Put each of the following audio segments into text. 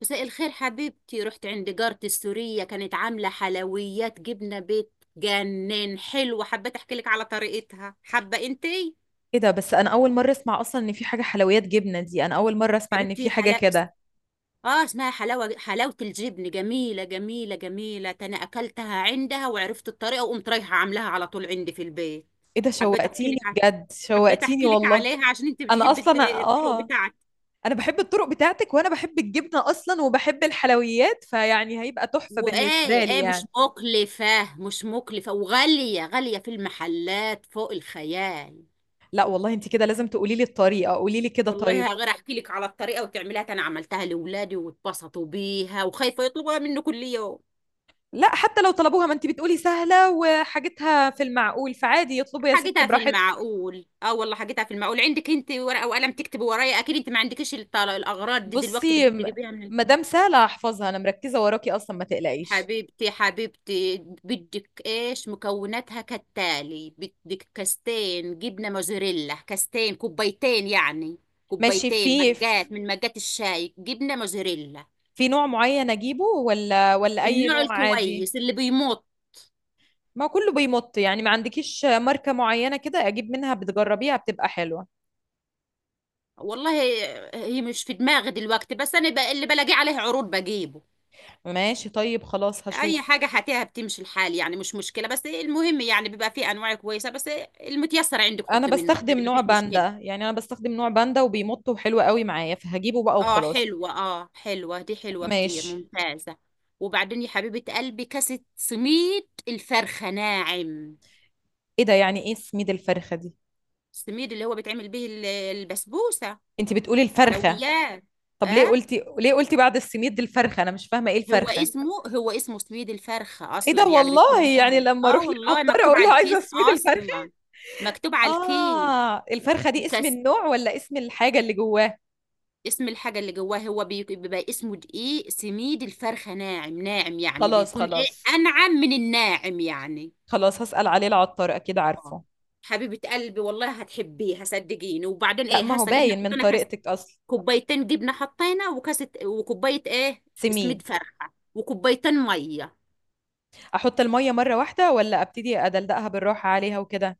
مساء الخير حبيبتي. رحت عند جارتي السورية، كانت عاملة حلويات جبنة بيت جنان حلوة. حبيت احكي لك على طريقتها، حابة انتي؟ ايه ده، بس انا اول مره اسمع اصلا ان في حاجه حلويات جبنه دي. انا اول مره اسمع ان حبيبتي، في حاجه كده. اه اسمها حلاوة، حلاوة الجبن جميلة جميلة جميلة. ده انا اكلتها عندها وعرفت الطريقة، وقمت رايحة عاملاها على طول عندي في البيت. ايه ده، حبيت احكي لك شوقتيني ع- بجد، حبيت احكي شوقتيني لك والله. عليها عشان انت انا بتحبي اصلا الطرق اه. بتاعتي. انا بحب الطرق بتاعتك، وانا بحب الجبنه اصلا وبحب الحلويات، فيعني هيبقى تحفه بالنسبه وايه لي ايه، مش يعني. مكلفة مش مكلفة، وغالية غالية في المحلات فوق الخيال. لا والله، انت كده لازم تقولي لي الطريقه، قولي لي كده طيب. والله غير احكي لك على الطريقه وتعملها. انا عملتها لاولادي واتبسطوا بيها، وخايفه يطلبوها منه كل يوم. لا، حتى لو طلبوها، ما انت بتقولي سهله وحاجتها في المعقول، فعادي يطلبوا يا ستي حاجتها في براحتهم. المعقول، اه والله حاجتها في المعقول. عندك انت ورقه وقلم تكتب ورايا؟ اكيد انت ما عندكيش الاغراض دي دلوقتي، بصي بدك م- تجيبيها من. مادام سهله هحفظها، انا مركزه وراكي اصلا، ما تقلقيش. حبيبتي حبيبتي، بدك ايش؟ مكوناتها كالتالي: بدك كاستين جبنه موزاريلا، كاستين كوبايتين يعني، ماشي، كوبايتين في مجات من مجات الشاي جبنه موزاريلا. في نوع معين اجيبه ولا اي النوع نوع عادي؟ الكويس اللي بيمط. ما كله بيمط يعني، ما عندكيش ماركة معينة كده اجيب منها بتجربيها بتبقى حلوة؟ والله هي مش في دماغي دلوقتي، بس اللي بلاقيه عليه عروض بجيبه. ماشي طيب، خلاص اي هشوف. حاجه هاتيها بتمشي الحال، يعني مش مشكله، بس المهم يعني بيبقى فيه انواع كويسه، بس المتيسر عندك انا حطي منه بستخدم عادي، ما نوع فيش مشكله. باندا، يعني انا بستخدم نوع باندا وبيمط وحلو قوي معايا، فهجيبه بقى اه وخلاص. حلوه، اه حلوه، دي حلوه كتير ماشي. ممتازه. وبعدين يا حبيبه قلبي، كاسه سميد الفرخه ناعم. ايه ده، يعني ايه سميد الفرخة دي؟ السميد اللي هو بيتعمل به البسبوسه. انت بتقولي الفرخة؟ حلويات. طب ليه اه، قلتي، ليه قلتي بعد السميد الفرخة؟ انا مش فاهمة ايه هو الفرخة. اسمه، هو اسمه سويد الفرخة ايه أصلا، ده يعني بيكون والله، يعني ناعم. لما اه اروح والله للعطار مكتوب اقول على له الكيس عايزة سميد الفرخة؟ أصلا، مكتوب على الكيس آه، الفرخة دي اسم وكاس. النوع ولا اسم الحاجة اللي جواه؟ اسم الحاجة اللي جواه هو بيبقى اسمه دقيق سميد الفرخة ناعم. ناعم يعني خلاص بيكون ايه؟ خلاص، أنعم من الناعم يعني. خلاص هسأل عليه العطار أكيد آه. عارفه. حبيبة قلبي، والله هتحبيه صدقيني. وبعدين لا، ايه، ما هو هسه جبنا باين من حطينا كاس، طريقتك أصلا. كوبايتين جبنة حطينا، وكاسة وكوباية ايه، سميد سميد. فرخة، وكوبايتين مية. أحط المية مرة واحدة ولا أبتدي أدلدقها بالراحة عليها وكده؟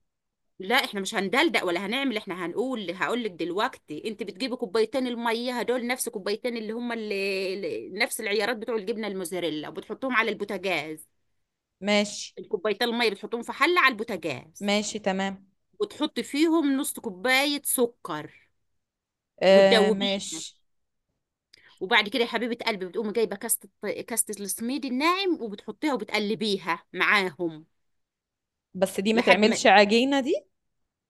لا احنا مش هندلدق ولا هنعمل، احنا هنقول، هقول لك دلوقتي. انت بتجيبي كوبايتين الميه هدول، نفس كوبايتين اللي هم نفس العيارات بتوع الجبنه الموزاريلا، وبتحطهم على البوتاجاز. ماشي. الكوبايتين الميه بتحطهم في حله على البوتاجاز، ماشي تمام. وتحطي فيهم نص كوبايه سكر آه وتدوبيها. ماشي. وبعد كده يا حبيبه قلبي بتقومي جايبه كاسه، كاسه السميد الناعم، وبتحطيها وبتقلبيها معاهم. بس دي ما لحد ما تعملش عجينة دي.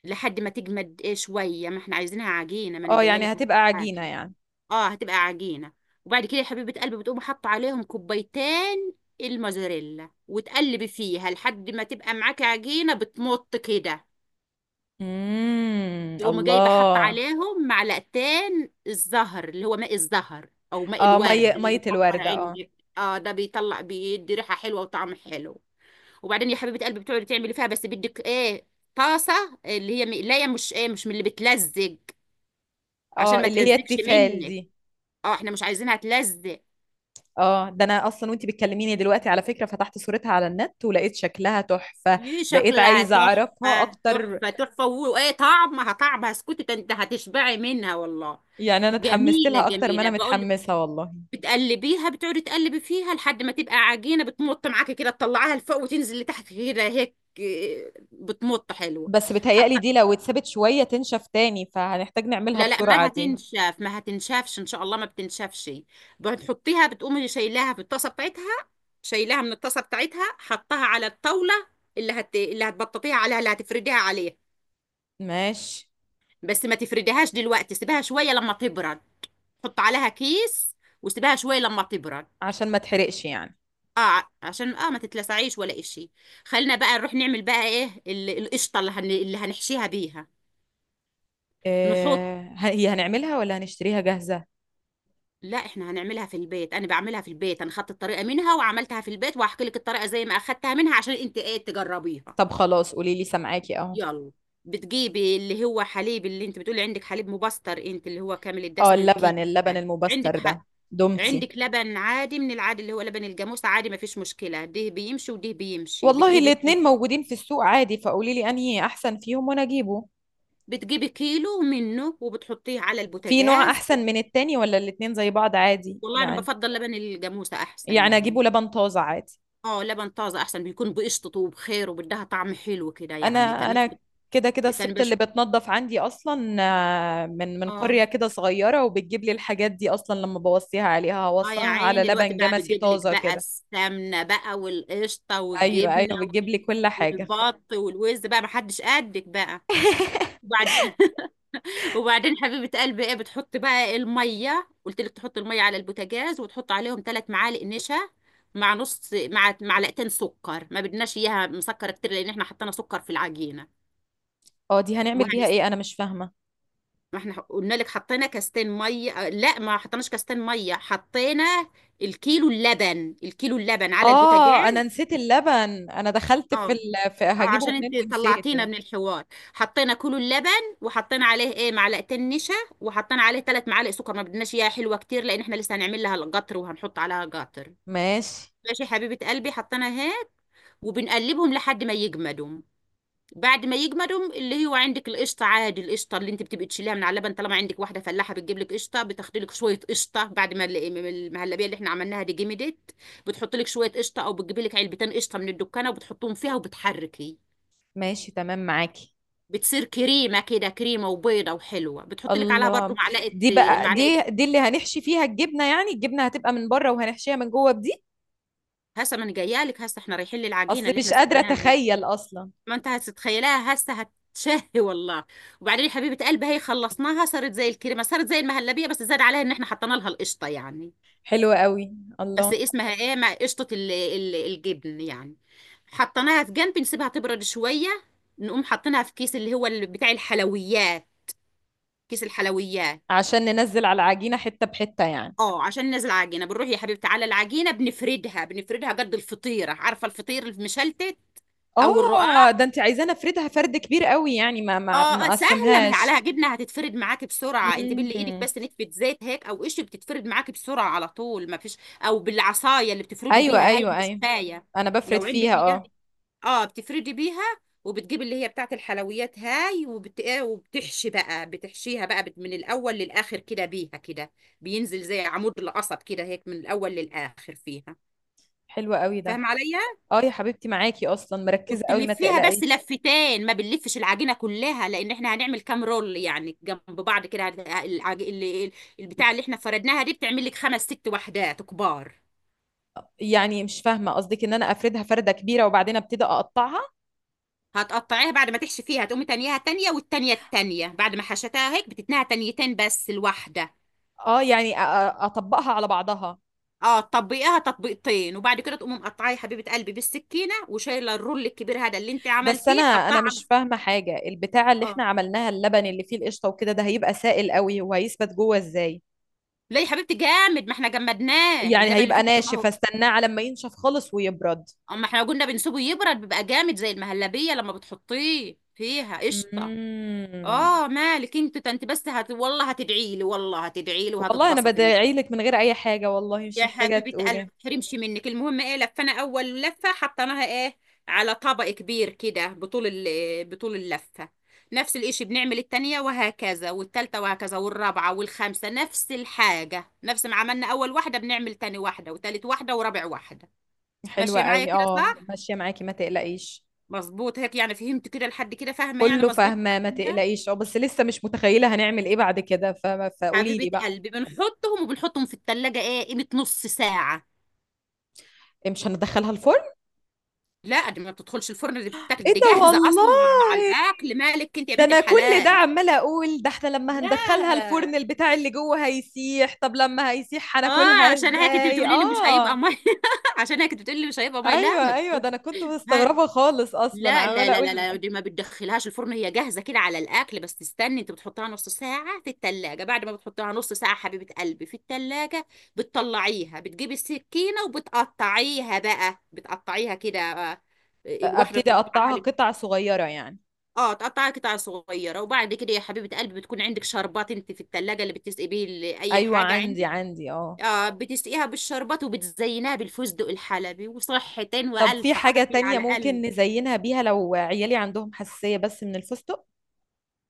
لحد ما تجمد ايه شويه. ما احنا عايزينها عجينه، ما انا اه، جايه يعني لك أهو هتبقى عجينة معاكي. يعني. اه هتبقى عجينة. وبعد كده يا حبيبة قلبي بتقوم حاطة عليهم كوبايتين الموزاريلا، وتقلبي فيها لحد ما تبقى معاكي عجينة بتمط كده. امم، تقوم جايبة حاطة الله. عليهم معلقتين الزهر، اللي هو ماء الزهر أو ماء اه، الورد مية، اللي مية متوفر الوردة، اه. عندك. اه ده بيطلع بيدي ريحة حلوة وطعم حلو. وبعدين يا حبيبة قلبي بتقعدي تعملي فيها، بس بدك ايه، طاسة اللي هي مقلاية، مش ايه، مش من اللي بتلزق، عشان اه، ما اللي هي تلزقش التيفال منك، دي. اه احنا مش عايزينها تلزق. اه، ده انا اصلا وانتي بتكلميني دلوقتي على فكره فتحت صورتها على النت، ولقيت شكلها تحفه. ايه بقيت شكلها عايزه اعرفها تحفة اكتر، تحفة تحفة، وايه طعمها، طعمها اسكتي، ده انت هتشبعي منها والله. يعني انا اتحمست جميلة لها اكتر ما جميلة انا بقول لك. متحمسه والله. بتقلبيها، بتقعدي تقلبي فيها لحد ما تبقى عجينة بتمط معاكي كده، تطلعيها لفوق وتنزل لتحت كده هيك إيه، بتمط حلوة. بس بتهيألي حتى دي لو اتسابت شويه تنشف تاني، فهنحتاج نعملها لا لا، ما بسرعه دي. هتنشف، ما هتنشفش ان شاء الله، ما بتنشفش. بتحطيها، بتقومي شايلاها في الطاسة بتاعتها، شايلاها من الطاسة بتاعتها، حطها على الطاولة اللي هتبططيها عليها، اللي هتفرديها عليها. ماشي. بس ما تفرديهاش دلوقتي، سيبها شوية لما تبرد. حط عليها كيس وسيبها شوية لما تبرد. عشان ما تحرقش يعني. اه عشان اه ما تتلسعيش ولا اشي. خلينا بقى نروح نعمل بقى ايه، القشطة اللي هنحشيها بيها. نحط، إيه هي، هنعملها ولا هنشتريها جاهزه؟ لا احنا هنعملها في البيت، انا بعملها في البيت، انا خدت الطريقة منها وعملتها في البيت، وهحكي لك الطريقة زي ما اخدتها منها عشان انت ايه تجربيها. طب خلاص، قولي لي سامعاكي اهو. يلا. بتجيبي اللي هو حليب، اللي انت بتقولي عندك حليب مبستر انت، اللي هو كامل اه، الدسم اللبن، الكيلو. اللبن عندك المبستر حق. ده. دومتي. عندك لبن عادي من العادي، اللي هو لبن الجاموسة عادي، ما فيش مشكلة، ده بيمشي وده بيمشي، والله بتجيبي الاتنين كيلو. موجودين في السوق عادي، فقولي لي انهي احسن فيهم وانا اجيبه. بتجيبي كيلو منه وبتحطيه على في نوع البوتاجاز. احسن من التاني ولا الاتنين زي بعض عادي والله أنا يعني؟ بفضل لبن الجاموسة أحسن يعني يعني. اجيبه لبن طازة عادي؟ اه لبن طازة أحسن، بيكون بقشطته وبخير وبدها طعم حلو كده انا يعني. كان الناس انا بت- كده كده كان الست بش اللي بتنظف عندي اصلا آه، من اه. قرية كده صغيرة وبتجيب لي الحاجات دي اصلا، لما بوصيها عليها اه يا هوصيها على عيني الوقت لبن بقى، جمسي بتجيب لك طازة بقى كده. السمنة بقى والقشطة ايوه والجبنة ايوه، بتجيب لي كل حاجة. والبط والوز بقى، محدش قدك بقى. وبعد وبعدين حبيبة قلبي ايه، بتحط بقى المية، قلت لك تحط المية على البوتاجاز، وتحط عليهم ثلاث معالق نشا، مع نص، مع معلقتين سكر، ما بدناش اياها مسكرة كتير لان احنا حطينا سكر في العجينة. اه، دي هنعمل بيها وهنس ايه؟ انا مش فاهمة. ما احنا قلنا لك حطينا كاستين مية آه، لا ما حطيناش كاستين مية، حطينا الكيلو اللبن، الكيلو اللبن على البوتاجاز. اه، انا نسيت اللبن، انا دخلت اه. في اه هجيبه عشان منين انت طلعتينا ونسيته. من الحوار. حطينا كيلو اللبن، وحطينا عليه ايه معلقتين نشا، وحطينا عليه ثلاث معالق سكر، ما بدناش اياها حلوه كتير لان احنا لسه هنعمل لها القطر وهنحط عليها قطر. ماشي. ماشي حبيبه قلبي، حطينا هيك وبنقلبهم لحد ما يجمدوا. بعد ما يجمدوا، اللي هو عندك القشطه عادي، القشطه اللي انت بتبقي تشيليها من على اللبن، طالما عندك واحده فلاحه بتجيب لك قشطه، بتاخدي لك شويه قشطه، بعد ما المهلبيه اللي احنا عملناها دي جمدت، بتحط لك شويه قشطه، او بتجيبي لك علبتين قشطه من الدكانه وبتحطهم فيها وبتحركي. ماشي تمام معاكي. بتصير كريمه كده، كريمه وبيضه وحلوه، بتحط لك عليها برضو الله. معلقه. دي بقى، معلقه، دي اللي هنحشي فيها الجبنة يعني؟ الجبنة هتبقى من بره وهنحشيها من جوه بدي. هسه ما انا جايه لك. هسه احنا رايحين للعجينه اصل اللي احنا مش قادرة سبناها. اتخيل اصلا. ما انت هتتخيلها، هسه هتشهي والله. وبعدين يا حبيبه قلبي، هي خلصناها صارت زي الكريمه، صارت زي المهلبيه، بس زاد عليها ان احنا حطينا لها القشطه يعني. حلوة قوي. بس الله. اسمها ايه، مع قشطه الجبن يعني. حطيناها في جنب، نسيبها تبرد شويه. نقوم حاطينها في كيس، اللي هو اللي بتاع الحلويات، كيس الحلويات. عشان ننزل على العجينة حتة بحتة يعني؟ اه عشان نازله عجينه، بنروح يا حبيبتي على العجينه، بنفردها، بنفردها قد الفطيره، عارفه الفطير المشلتت او الرقاق. اه، ده انت عايزاني افردها فرد كبير قوي يعني، ما ما اه ما آه، سهله، ما هي اقسمهاش. عليها جبنه هتتفرد معاكي بسرعه، انت باللي ايدك مم. بس نتفه زيت هيك او قش، بتتفرد معاكي بسرعه على طول ما فيش. او بالعصايه اللي بتفردوا ايوه بيها هاي، ايوه ايوه، المشفايه، انا بفرد لو عندك فيها اياها. اه. اه بتفردي بيها. وبتجيب اللي هي بتاعت الحلويات هاي، إيه، وبتحشي بقى، بتحشيها بقى من الاول للاخر كده بيها كده، بينزل زي عمود القصب كده هيك، من الاول للاخر فيها. حلوة قوي ده. فاهم عليا؟ اه يا حبيبتي، معاكي اصلا، مركزة قوي ما وبتلفيها بس تقلقيش. لفتين، ما بنلفش العجينه كلها، لان احنا هنعمل كام رول يعني جنب بعض كده. البتاع اللي احنا فردناها دي بتعمل لك خمس ست وحدات كبار. يعني مش فاهمة قصدك، ان انا افردها فردة كبيرة وبعدين ابتدي اقطعها؟ هتقطعيها بعد ما تحشي فيها، هتقومي تانيها تانية، والتانية التانية بعد ما حشتها هيك بتتنها تانيتين بس الواحدة. اه يعني اطبقها على بعضها. اه تطبقيها تطبيقتين، وبعد كده تقومي مقطعيه يا حبيبة قلبي بالسكينة، وشايلة الرول الكبير هذا اللي انت بس عملتيه انا حطاه انا على. مش فاهمه حاجه، البتاعه اللي اه احنا عملناها اللبن اللي فيه القشطه وكده، ده هيبقى سائل قوي، وهيثبت جوه ازاي؟ لا يا حبيبتي جامد، ما احنا جمدناه يعني اللبن اللي فيه. هيبقى ناشف، استناه على ما ينشف خالص ويبرد؟ اما احنا لو قلنا بنسيبه يبرد، بيبقى جامد زي المهلبيه لما بتحطيه فيها قشطه. مم. اه مالك انت، ده انت بس والله هتدعي لي، والله هتدعي لي والله انا وهتتبسطي. بدعي لك من غير اي حاجه والله، مش يا محتاجه حبيبه قلبي ما تقولي. تحرمش منك. المهم ايه، لفنا اول لفه، حطيناها ايه على طبق كبير كده، بطول اللفه. نفس الاشي بنعمل التانية، وهكذا والتالتة، وهكذا والرابعة والخامسة نفس الحاجة، نفس ما عملنا أول واحدة بنعمل تاني واحدة وتالت واحدة ورابع واحدة. حلوه ماشية معايا قوي كده اه، صح؟ ماشيه معاكي ما تقلقيش. مظبوط هيك يعني، فهمت كده لحد كده؟ فاهمه يعني، كله مظبوط فاهمه ما لحد كده. تقلقيش، اه بس لسه مش متخيله هنعمل ايه بعد كده فقولي حبيبه لي بقى. قلبي بنحطهم، وبنحطهم في التلاجة ايه قيمه نص ساعه. إيه، مش هندخلها الفرن؟ لا دي ما بتدخلش الفرن، دي بتتاكل ايه دي ده جاهزه اصلا على والله، الاكل، مالك انت يا ده بنت انا كل ده الحلال. عماله اقول ده احنا لما لا. هندخلها الفرن البتاع اللي جوه هيسيح، طب لما هيسيح هناكلها اه عشان هيك انت ازاي بتقولي لي مش هيبقى اه. ميه. عشان هيك انت بتقولي لي مش هيبقى ميه، لا ما ايوه ايوه، بتقول. ده انا كنت مستغربه خالص اصلا، لا لا عماله لا اقول. لا لا، دي ما بتدخلهاش الفرن، هي جاهزة كده على الأكل، بس تستني. أنت بتحطها نص ساعة في التلاجة، بعد ما بتحطها نص ساعة حبيبة قلبي في التلاجة، بتطلعيها، بتجيبي السكينة وبتقطعيها بقى، بتقطعيها كده. آه، الواحدة ابتدي تقطعها اقطعها لك. قطع صغيره يعني؟ اه تقطعها قطع صغيرة، وبعد كده يا حبيبة قلبي بتكون عندك شربات انت في التلاجة، اللي بتسقي بيه أي ايوه حاجة عندي عندك. عندي اه. اه بتسقيها بالشربات، وبتزينها بالفستق الحلبي، وصحتين طب وألف في حاجه عافية تانية على قلبك. ممكن نزينها بيها لو عيالي عندهم حساسيه بس من الفستق؟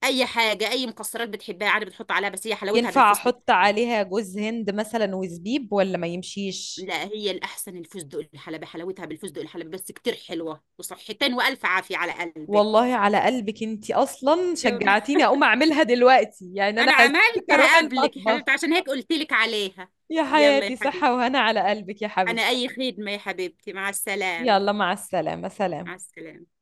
اي حاجه، اي مكسرات بتحبها عادي بتحط عليها، بس هي حلاوتها ينفع بالفستق احط الحلبي. عليها جوز هند مثلا وزبيب ولا ما يمشيش؟ لا هي الاحسن الفستق الحلبي، حلاوتها بالفستق الحلبي، بس كتير حلوه، وصحتين والف عافيه على قلبك. والله على قلبك انتي، اصلا يلا. شجعتيني اقوم اعملها دلوقتي، يعني انا انا هسيبك اروح عملتها قبلك يا المطبخ. حبيبتي عشان هيك قلت لك عليها. يا يلا يا حياتي، صحة حبيبتي. وهنا على قلبك يا انا حبيبتي. اي خدمه يا حبيبتي، مع السلامه. يلا، مع السلامة، مع سلام. السلامه.